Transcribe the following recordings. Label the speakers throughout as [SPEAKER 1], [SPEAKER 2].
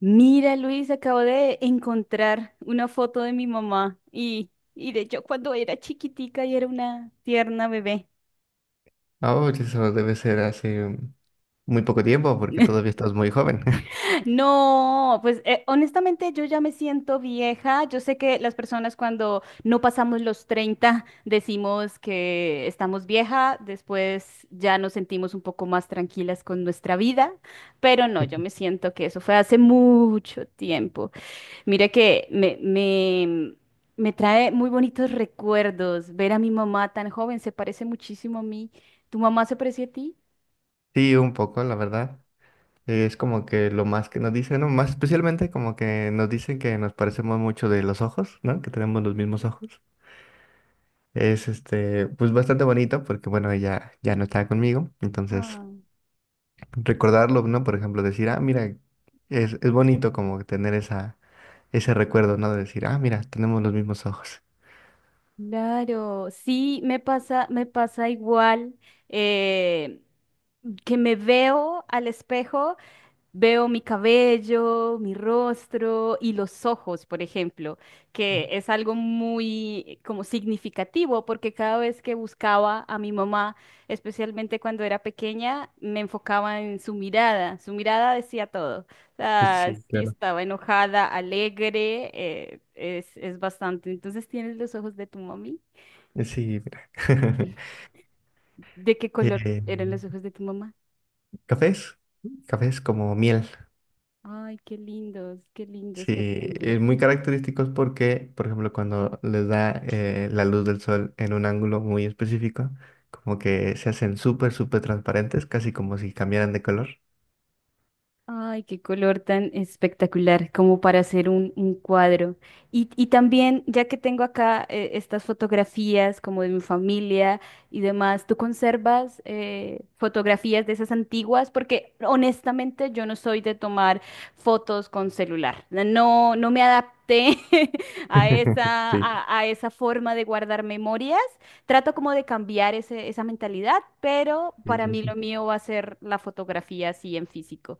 [SPEAKER 1] Mira, Luis, acabo de encontrar una foto de mi mamá y de yo cuando era chiquitica y era una tierna bebé.
[SPEAKER 2] Oh, eso debe ser hace muy poco tiempo porque todavía estás muy joven.
[SPEAKER 1] No, pues honestamente yo ya me siento vieja. Yo sé que las personas cuando no pasamos los 30 decimos que estamos vieja, después ya nos sentimos un poco más tranquilas con nuestra vida, pero no, yo me siento que eso fue hace mucho tiempo. Mire que me trae muy bonitos recuerdos ver a mi mamá tan joven, se parece muchísimo a mí. ¿Tu mamá se parecía a
[SPEAKER 2] Sí, un poco, la verdad. Es como que lo más que nos dicen, ¿no? Más especialmente como que nos dicen que nos parecemos mucho de los ojos, ¿no? Que tenemos los mismos ojos. Es este, pues bastante bonito porque, bueno, ella ya no está conmigo. Entonces,
[SPEAKER 1] ti?
[SPEAKER 2] recordarlo, ¿no? Por ejemplo, decir, ah, mira, es bonito como tener esa, ese recuerdo, ¿no? De decir, ah, mira, tenemos los mismos ojos.
[SPEAKER 1] Claro, sí, me pasa igual eh, que me veo al espejo. Veo mi cabello, mi rostro y los ojos, por ejemplo, que es algo muy como significativo porque cada vez que buscaba a mi mamá, especialmente cuando era pequeña, me enfocaba en su mirada. Su mirada decía todo. O sea,
[SPEAKER 2] Sí,
[SPEAKER 1] si
[SPEAKER 2] claro.
[SPEAKER 1] estaba enojada, alegre, es bastante. Entonces, ¿tienes los ojos de tu mami?
[SPEAKER 2] Sí, mira.
[SPEAKER 1] ¿De qué color
[SPEAKER 2] Eh,
[SPEAKER 1] eran los ojos de tu mamá?
[SPEAKER 2] Cafés, cafés como miel.
[SPEAKER 1] Ay, qué lindos, qué lindos,
[SPEAKER 2] Sí,
[SPEAKER 1] qué lindos.
[SPEAKER 2] muy característicos porque, por ejemplo, cuando les da la luz del sol en un ángulo muy específico, como que se hacen súper, súper transparentes, casi como si cambiaran de color.
[SPEAKER 1] Ay, qué color tan espectacular, como para hacer un cuadro. Y también, ya que tengo acá estas fotografías como de mi familia y demás, ¿tú conservas fotografías de esas antiguas? Porque honestamente yo no soy de tomar fotos con celular. No me adapté a
[SPEAKER 2] Sí,
[SPEAKER 1] esa forma de guardar memorias. Trato como de cambiar esa mentalidad, pero
[SPEAKER 2] sí,
[SPEAKER 1] para
[SPEAKER 2] sí,
[SPEAKER 1] mí lo
[SPEAKER 2] sí.
[SPEAKER 1] mío va a ser la fotografía así en físico.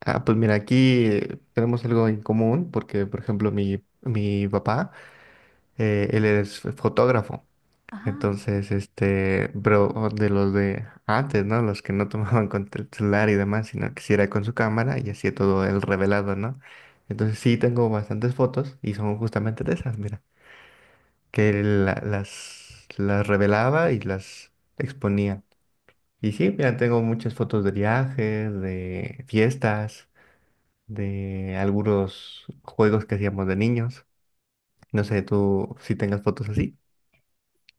[SPEAKER 2] Ah, pues mira, aquí tenemos algo en común porque, por ejemplo, mi papá, él es fotógrafo.
[SPEAKER 1] Ajá.
[SPEAKER 2] Entonces, este, pero de los de antes, ¿no? Los que no tomaban con el celular y demás, sino que sí era con su cámara y hacía todo el revelado, ¿no? Entonces sí tengo bastantes fotos y son justamente de esas, mira, que las revelaba y las exponía. Y sí, mira, tengo muchas fotos de viajes, de fiestas, de algunos juegos que hacíamos de niños. No sé, tú si tengas fotos así.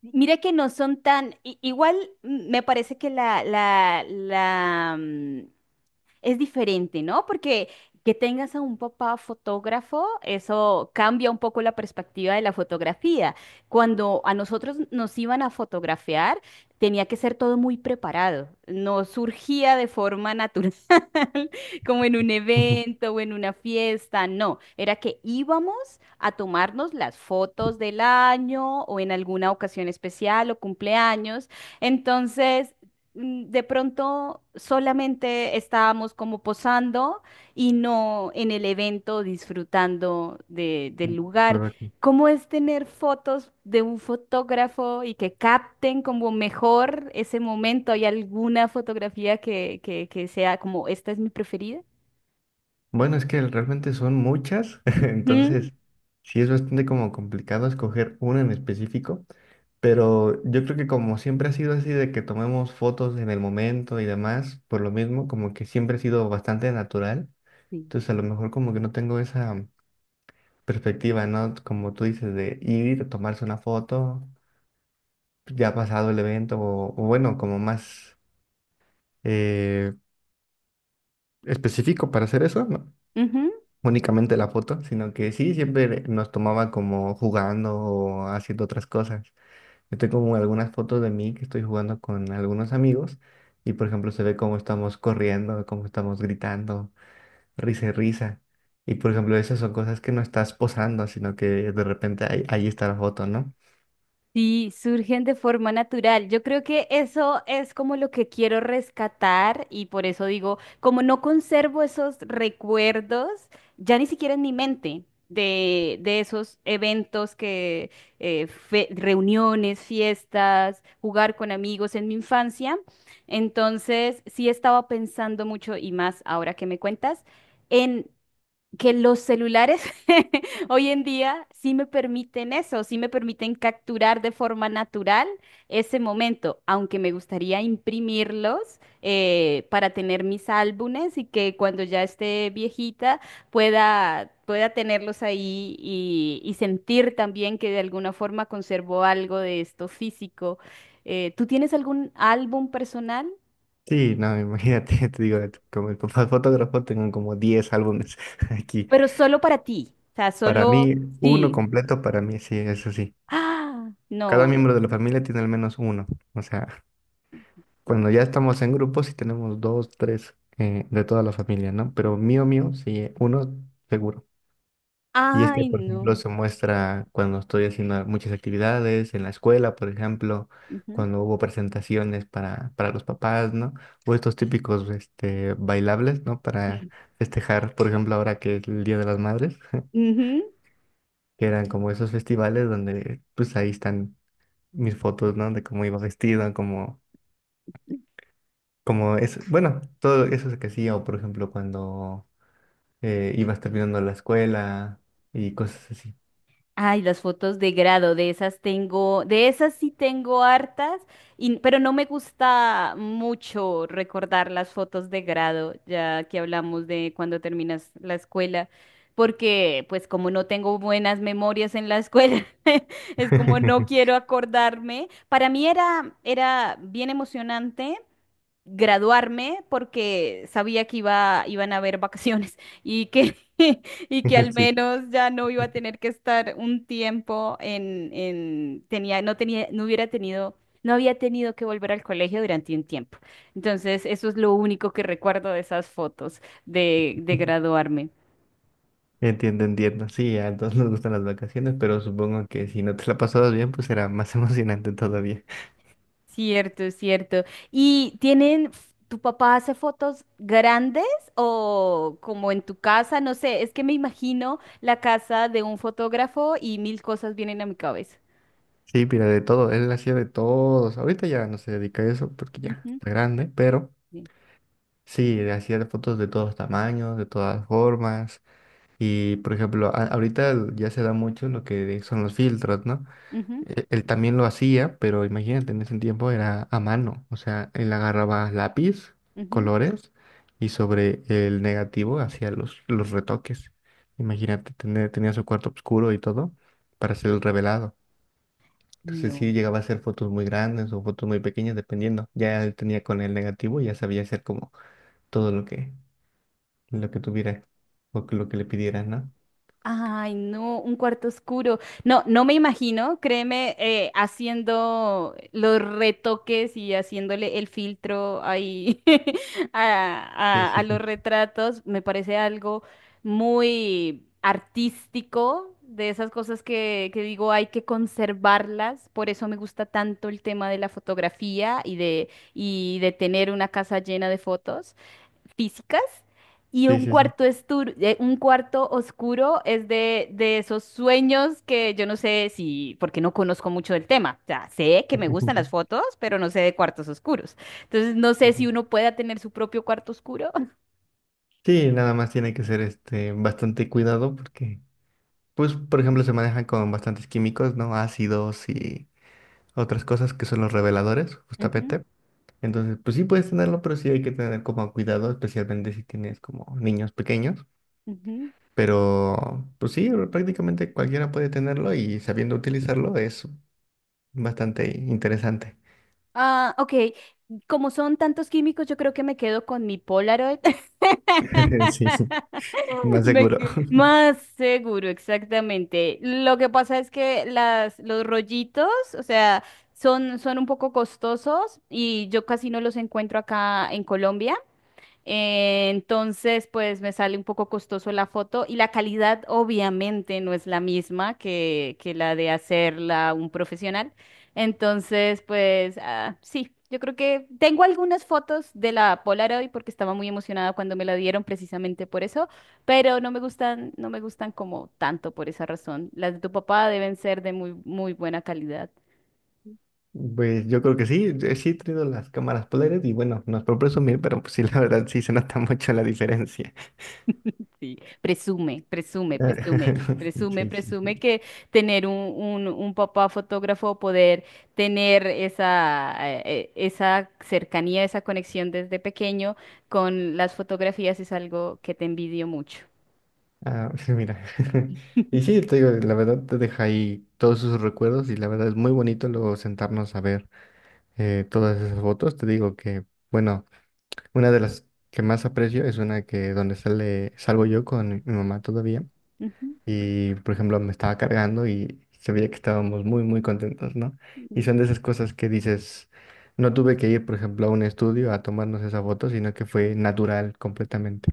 [SPEAKER 1] Mira que no son tan, igual me parece que la es diferente, ¿no? Porque que tengas a un papá fotógrafo, eso cambia un poco la perspectiva de la fotografía. Cuando a nosotros nos iban a fotografiar, tenía que ser todo muy preparado, no surgía de forma natural, como en un evento o en una fiesta, no, era que íbamos a tomarnos las fotos del año o en alguna ocasión especial o cumpleaños. Entonces, de pronto solamente estábamos como posando y no en el evento disfrutando del lugar. ¿Cómo es tener fotos de un fotógrafo y que capten como mejor ese momento? ¿Hay alguna fotografía que sea como esta es mi preferida?
[SPEAKER 2] Bueno, es que realmente son muchas,
[SPEAKER 1] Mm,
[SPEAKER 2] entonces sí es bastante como complicado escoger una en específico, pero yo creo que como siempre ha sido así de que tomemos fotos en el momento y demás, por lo mismo, como que siempre ha sido bastante natural, entonces a lo mejor como que no tengo esa perspectiva, ¿no? Como tú dices, de ir, tomarse una foto, ya pasado el evento, o bueno, como más eh, específico para hacer eso, ¿no?
[SPEAKER 1] Sí.
[SPEAKER 2] Únicamente la foto, sino que sí, siempre nos tomaba como jugando o haciendo otras cosas. Yo tengo como algunas fotos de mí que estoy jugando con algunos amigos y por ejemplo se ve cómo estamos corriendo, cómo estamos gritando, risa y risa. Y por ejemplo esas son cosas que no estás posando, sino que de repente ahí está la foto, ¿no?
[SPEAKER 1] Sí, surgen de forma natural. Yo creo que eso es como lo que quiero rescatar y por eso digo, como no conservo esos recuerdos, ya ni siquiera en mi mente de esos eventos que, reuniones, fiestas, jugar con amigos en mi infancia. Entonces, sí estaba pensando mucho y más ahora que me cuentas. En que los celulares hoy en día sí me permiten eso, sí me permiten capturar de forma natural ese momento, aunque me gustaría imprimirlos para tener mis álbumes y que cuando ya esté viejita pueda tenerlos ahí y sentir también que de alguna forma conservo algo de esto físico. ¿Tú tienes algún álbum personal?
[SPEAKER 2] Sí, no, imagínate, te digo, como fotógrafo tengo como 10 álbumes aquí.
[SPEAKER 1] Pero solo para ti, o sea,
[SPEAKER 2] Para
[SPEAKER 1] solo...
[SPEAKER 2] mí, uno
[SPEAKER 1] Sí.
[SPEAKER 2] completo, para mí, sí, eso sí.
[SPEAKER 1] Ah,
[SPEAKER 2] Cada
[SPEAKER 1] no.
[SPEAKER 2] miembro de la familia tiene al menos uno. O sea, cuando ya estamos en grupos sí tenemos dos, tres de toda la familia, ¿no? Pero mío, mío, sí, uno seguro. Y es que,
[SPEAKER 1] Ay,
[SPEAKER 2] por
[SPEAKER 1] no.
[SPEAKER 2] ejemplo, se muestra cuando estoy haciendo muchas actividades en la escuela, por ejemplo,
[SPEAKER 1] Ujú.
[SPEAKER 2] cuando hubo presentaciones para los papás, ¿no? O estos típicos este, bailables, ¿no? Para festejar, por ejemplo, ahora que es el Día de las Madres,
[SPEAKER 1] Ujú.
[SPEAKER 2] que eran como esos festivales donde, pues ahí están mis fotos, ¿no? De cómo iba vestido, como es, bueno, todo eso es que hacía, o por ejemplo, cuando ibas terminando la escuela y cosas así.
[SPEAKER 1] Ay, las fotos de grado, de esas tengo, de esas sí tengo hartas, pero no me gusta mucho recordar las fotos de grado, ya que hablamos de cuando terminas la escuela, porque pues como no tengo buenas memorias en la escuela, es como no quiero acordarme. Para mí era bien emocionante graduarme porque sabía que iban a haber vacaciones y que, y que al
[SPEAKER 2] Sí,
[SPEAKER 1] menos ya no iba a tener que estar un tiempo en tenía, no hubiera tenido, no había tenido que volver al colegio durante un tiempo. Entonces, eso es lo único que recuerdo de esas fotos de graduarme.
[SPEAKER 2] entiendo, entiendo. Sí, a todos nos gustan las vacaciones, pero supongo que si no te la pasabas bien, pues era más emocionante todavía.
[SPEAKER 1] Cierto, cierto. ¿Y tienen, tu papá hace fotos grandes o como en tu casa? No sé, es que me imagino la casa de un fotógrafo y mil cosas vienen a mi cabeza.
[SPEAKER 2] Sí, mira, de todo, él hacía de todos. Ahorita ya no se dedica a eso porque ya
[SPEAKER 1] Ujú,
[SPEAKER 2] está grande, pero
[SPEAKER 1] sí,
[SPEAKER 2] sí, le hacía fotos de todos tamaños, de todas formas. Y, por ejemplo, ahorita ya se da mucho lo que son los filtros, ¿no?
[SPEAKER 1] ujú,
[SPEAKER 2] Él también lo hacía, pero imagínate, en ese tiempo era a mano. O sea, él agarraba lápiz,
[SPEAKER 1] ujú.
[SPEAKER 2] colores y sobre el negativo hacía los retoques. Imagínate, tenía su cuarto oscuro y todo para hacer el revelado. Entonces
[SPEAKER 1] No.
[SPEAKER 2] sí llegaba a hacer fotos muy grandes o fotos muy pequeñas, dependiendo. Ya él tenía con el negativo y ya sabía hacer como todo lo que tuviera lo que le pidieran, ¿no?
[SPEAKER 1] Ay, no, un cuarto oscuro. No, no me imagino, créeme, haciendo los retoques y haciéndole el filtro ahí
[SPEAKER 2] Sí,
[SPEAKER 1] a,
[SPEAKER 2] sí,
[SPEAKER 1] a los
[SPEAKER 2] sí.
[SPEAKER 1] retratos. Me parece algo muy artístico, de esas cosas que digo hay que conservarlas. Por eso me gusta tanto el tema de la fotografía y de tener una casa llena de fotos físicas y
[SPEAKER 2] Sí,
[SPEAKER 1] un
[SPEAKER 2] sí,
[SPEAKER 1] cuarto, un cuarto oscuro es de esos sueños que yo no sé si, porque no conozco mucho del tema. O sea, sé que
[SPEAKER 2] sí.
[SPEAKER 1] me gustan las fotos, pero no sé de cuartos oscuros. Entonces, no sé si uno pueda tener su propio cuarto oscuro.
[SPEAKER 2] Sí, nada más tiene que ser este bastante cuidado porque, pues, por ejemplo, se manejan con bastantes químicos, ¿no? Ácidos y otras cosas que son los reveladores,
[SPEAKER 1] Ujú,
[SPEAKER 2] justamente. Entonces, pues sí puedes tenerlo, pero sí hay que tener como cuidado, especialmente si tienes como niños pequeños.
[SPEAKER 1] ujú.
[SPEAKER 2] Pero, pues sí, prácticamente cualquiera puede tenerlo y sabiendo utilizarlo es bastante interesante.
[SPEAKER 1] Ah, ok. Como son tantos químicos, yo creo que me quedo con mi Polaroid.
[SPEAKER 2] Sí, sí, más seguro.
[SPEAKER 1] Más seguro, exactamente. Lo que pasa es que los rollitos, o sea, son un poco costosos y yo casi no los encuentro acá en Colombia. Entonces, pues me sale un poco costoso la foto y la calidad obviamente no es la misma que la de hacerla un profesional. Entonces, pues sí, yo creo que tengo algunas fotos de la Polaroid porque estaba muy emocionada cuando me la dieron precisamente por eso, pero no me gustan como tanto por esa razón. Las de tu papá deben ser de muy, muy buena calidad.
[SPEAKER 2] Pues yo creo que sí, sí he traído las cámaras polares y bueno, no es por presumir, pero pues sí, la verdad sí se nota mucho la diferencia.
[SPEAKER 1] Sí, presume, presume,
[SPEAKER 2] Ah,
[SPEAKER 1] presume, presume,
[SPEAKER 2] Sí, sí.
[SPEAKER 1] presume que tener un papá fotógrafo, poder tener esa, esa cercanía, esa conexión desde pequeño con las fotografías es algo que te envidio mucho.
[SPEAKER 2] Ah, sí, mira. Y sí, te digo, la verdad te deja ahí todos sus recuerdos y la verdad es muy bonito luego sentarnos a ver todas esas fotos. Te digo que, bueno, una de las que más aprecio es una que donde salgo yo con mi mamá todavía. Y, por ejemplo, me estaba cargando y se veía que estábamos muy, muy contentos, ¿no? Y
[SPEAKER 1] Ujú.
[SPEAKER 2] son de esas cosas que dices, no tuve que ir, por ejemplo, a un estudio a tomarnos esa foto, sino que fue natural completamente.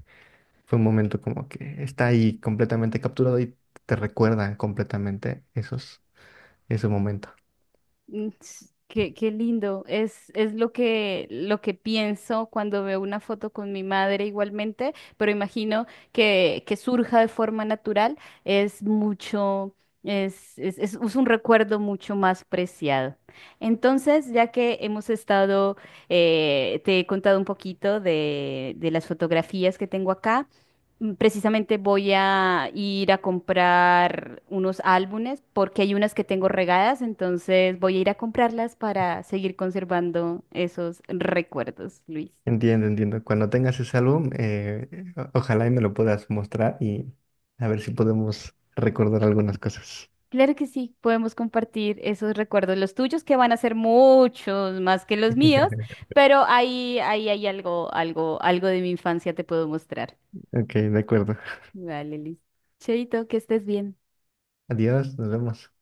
[SPEAKER 2] Fue un momento como que está ahí completamente capturado y te recuerda completamente ese momento.
[SPEAKER 1] Qué, qué lindo. Es lo lo que pienso cuando veo una foto con mi madre igualmente, pero imagino que surja de forma natural. Es mucho, es un recuerdo mucho más preciado. Entonces, ya que hemos estado, te he contado un poquito de las fotografías que tengo acá. Precisamente voy a ir a comprar unos álbumes porque hay unas que tengo regadas, entonces voy a ir a comprarlas para seguir conservando esos recuerdos, Luis.
[SPEAKER 2] Entiendo, entiendo. Cuando tengas ese álbum, ojalá y me lo puedas mostrar y a ver si podemos recordar algunas cosas.
[SPEAKER 1] Claro que sí, podemos compartir esos recuerdos, los tuyos que van a ser muchos más que los míos, pero ahí, ahí hay algo, algo de mi infancia te puedo mostrar.
[SPEAKER 2] Ok, de acuerdo.
[SPEAKER 1] Vale, Luis. Cheito, que estés bien.
[SPEAKER 2] Adiós, nos vemos.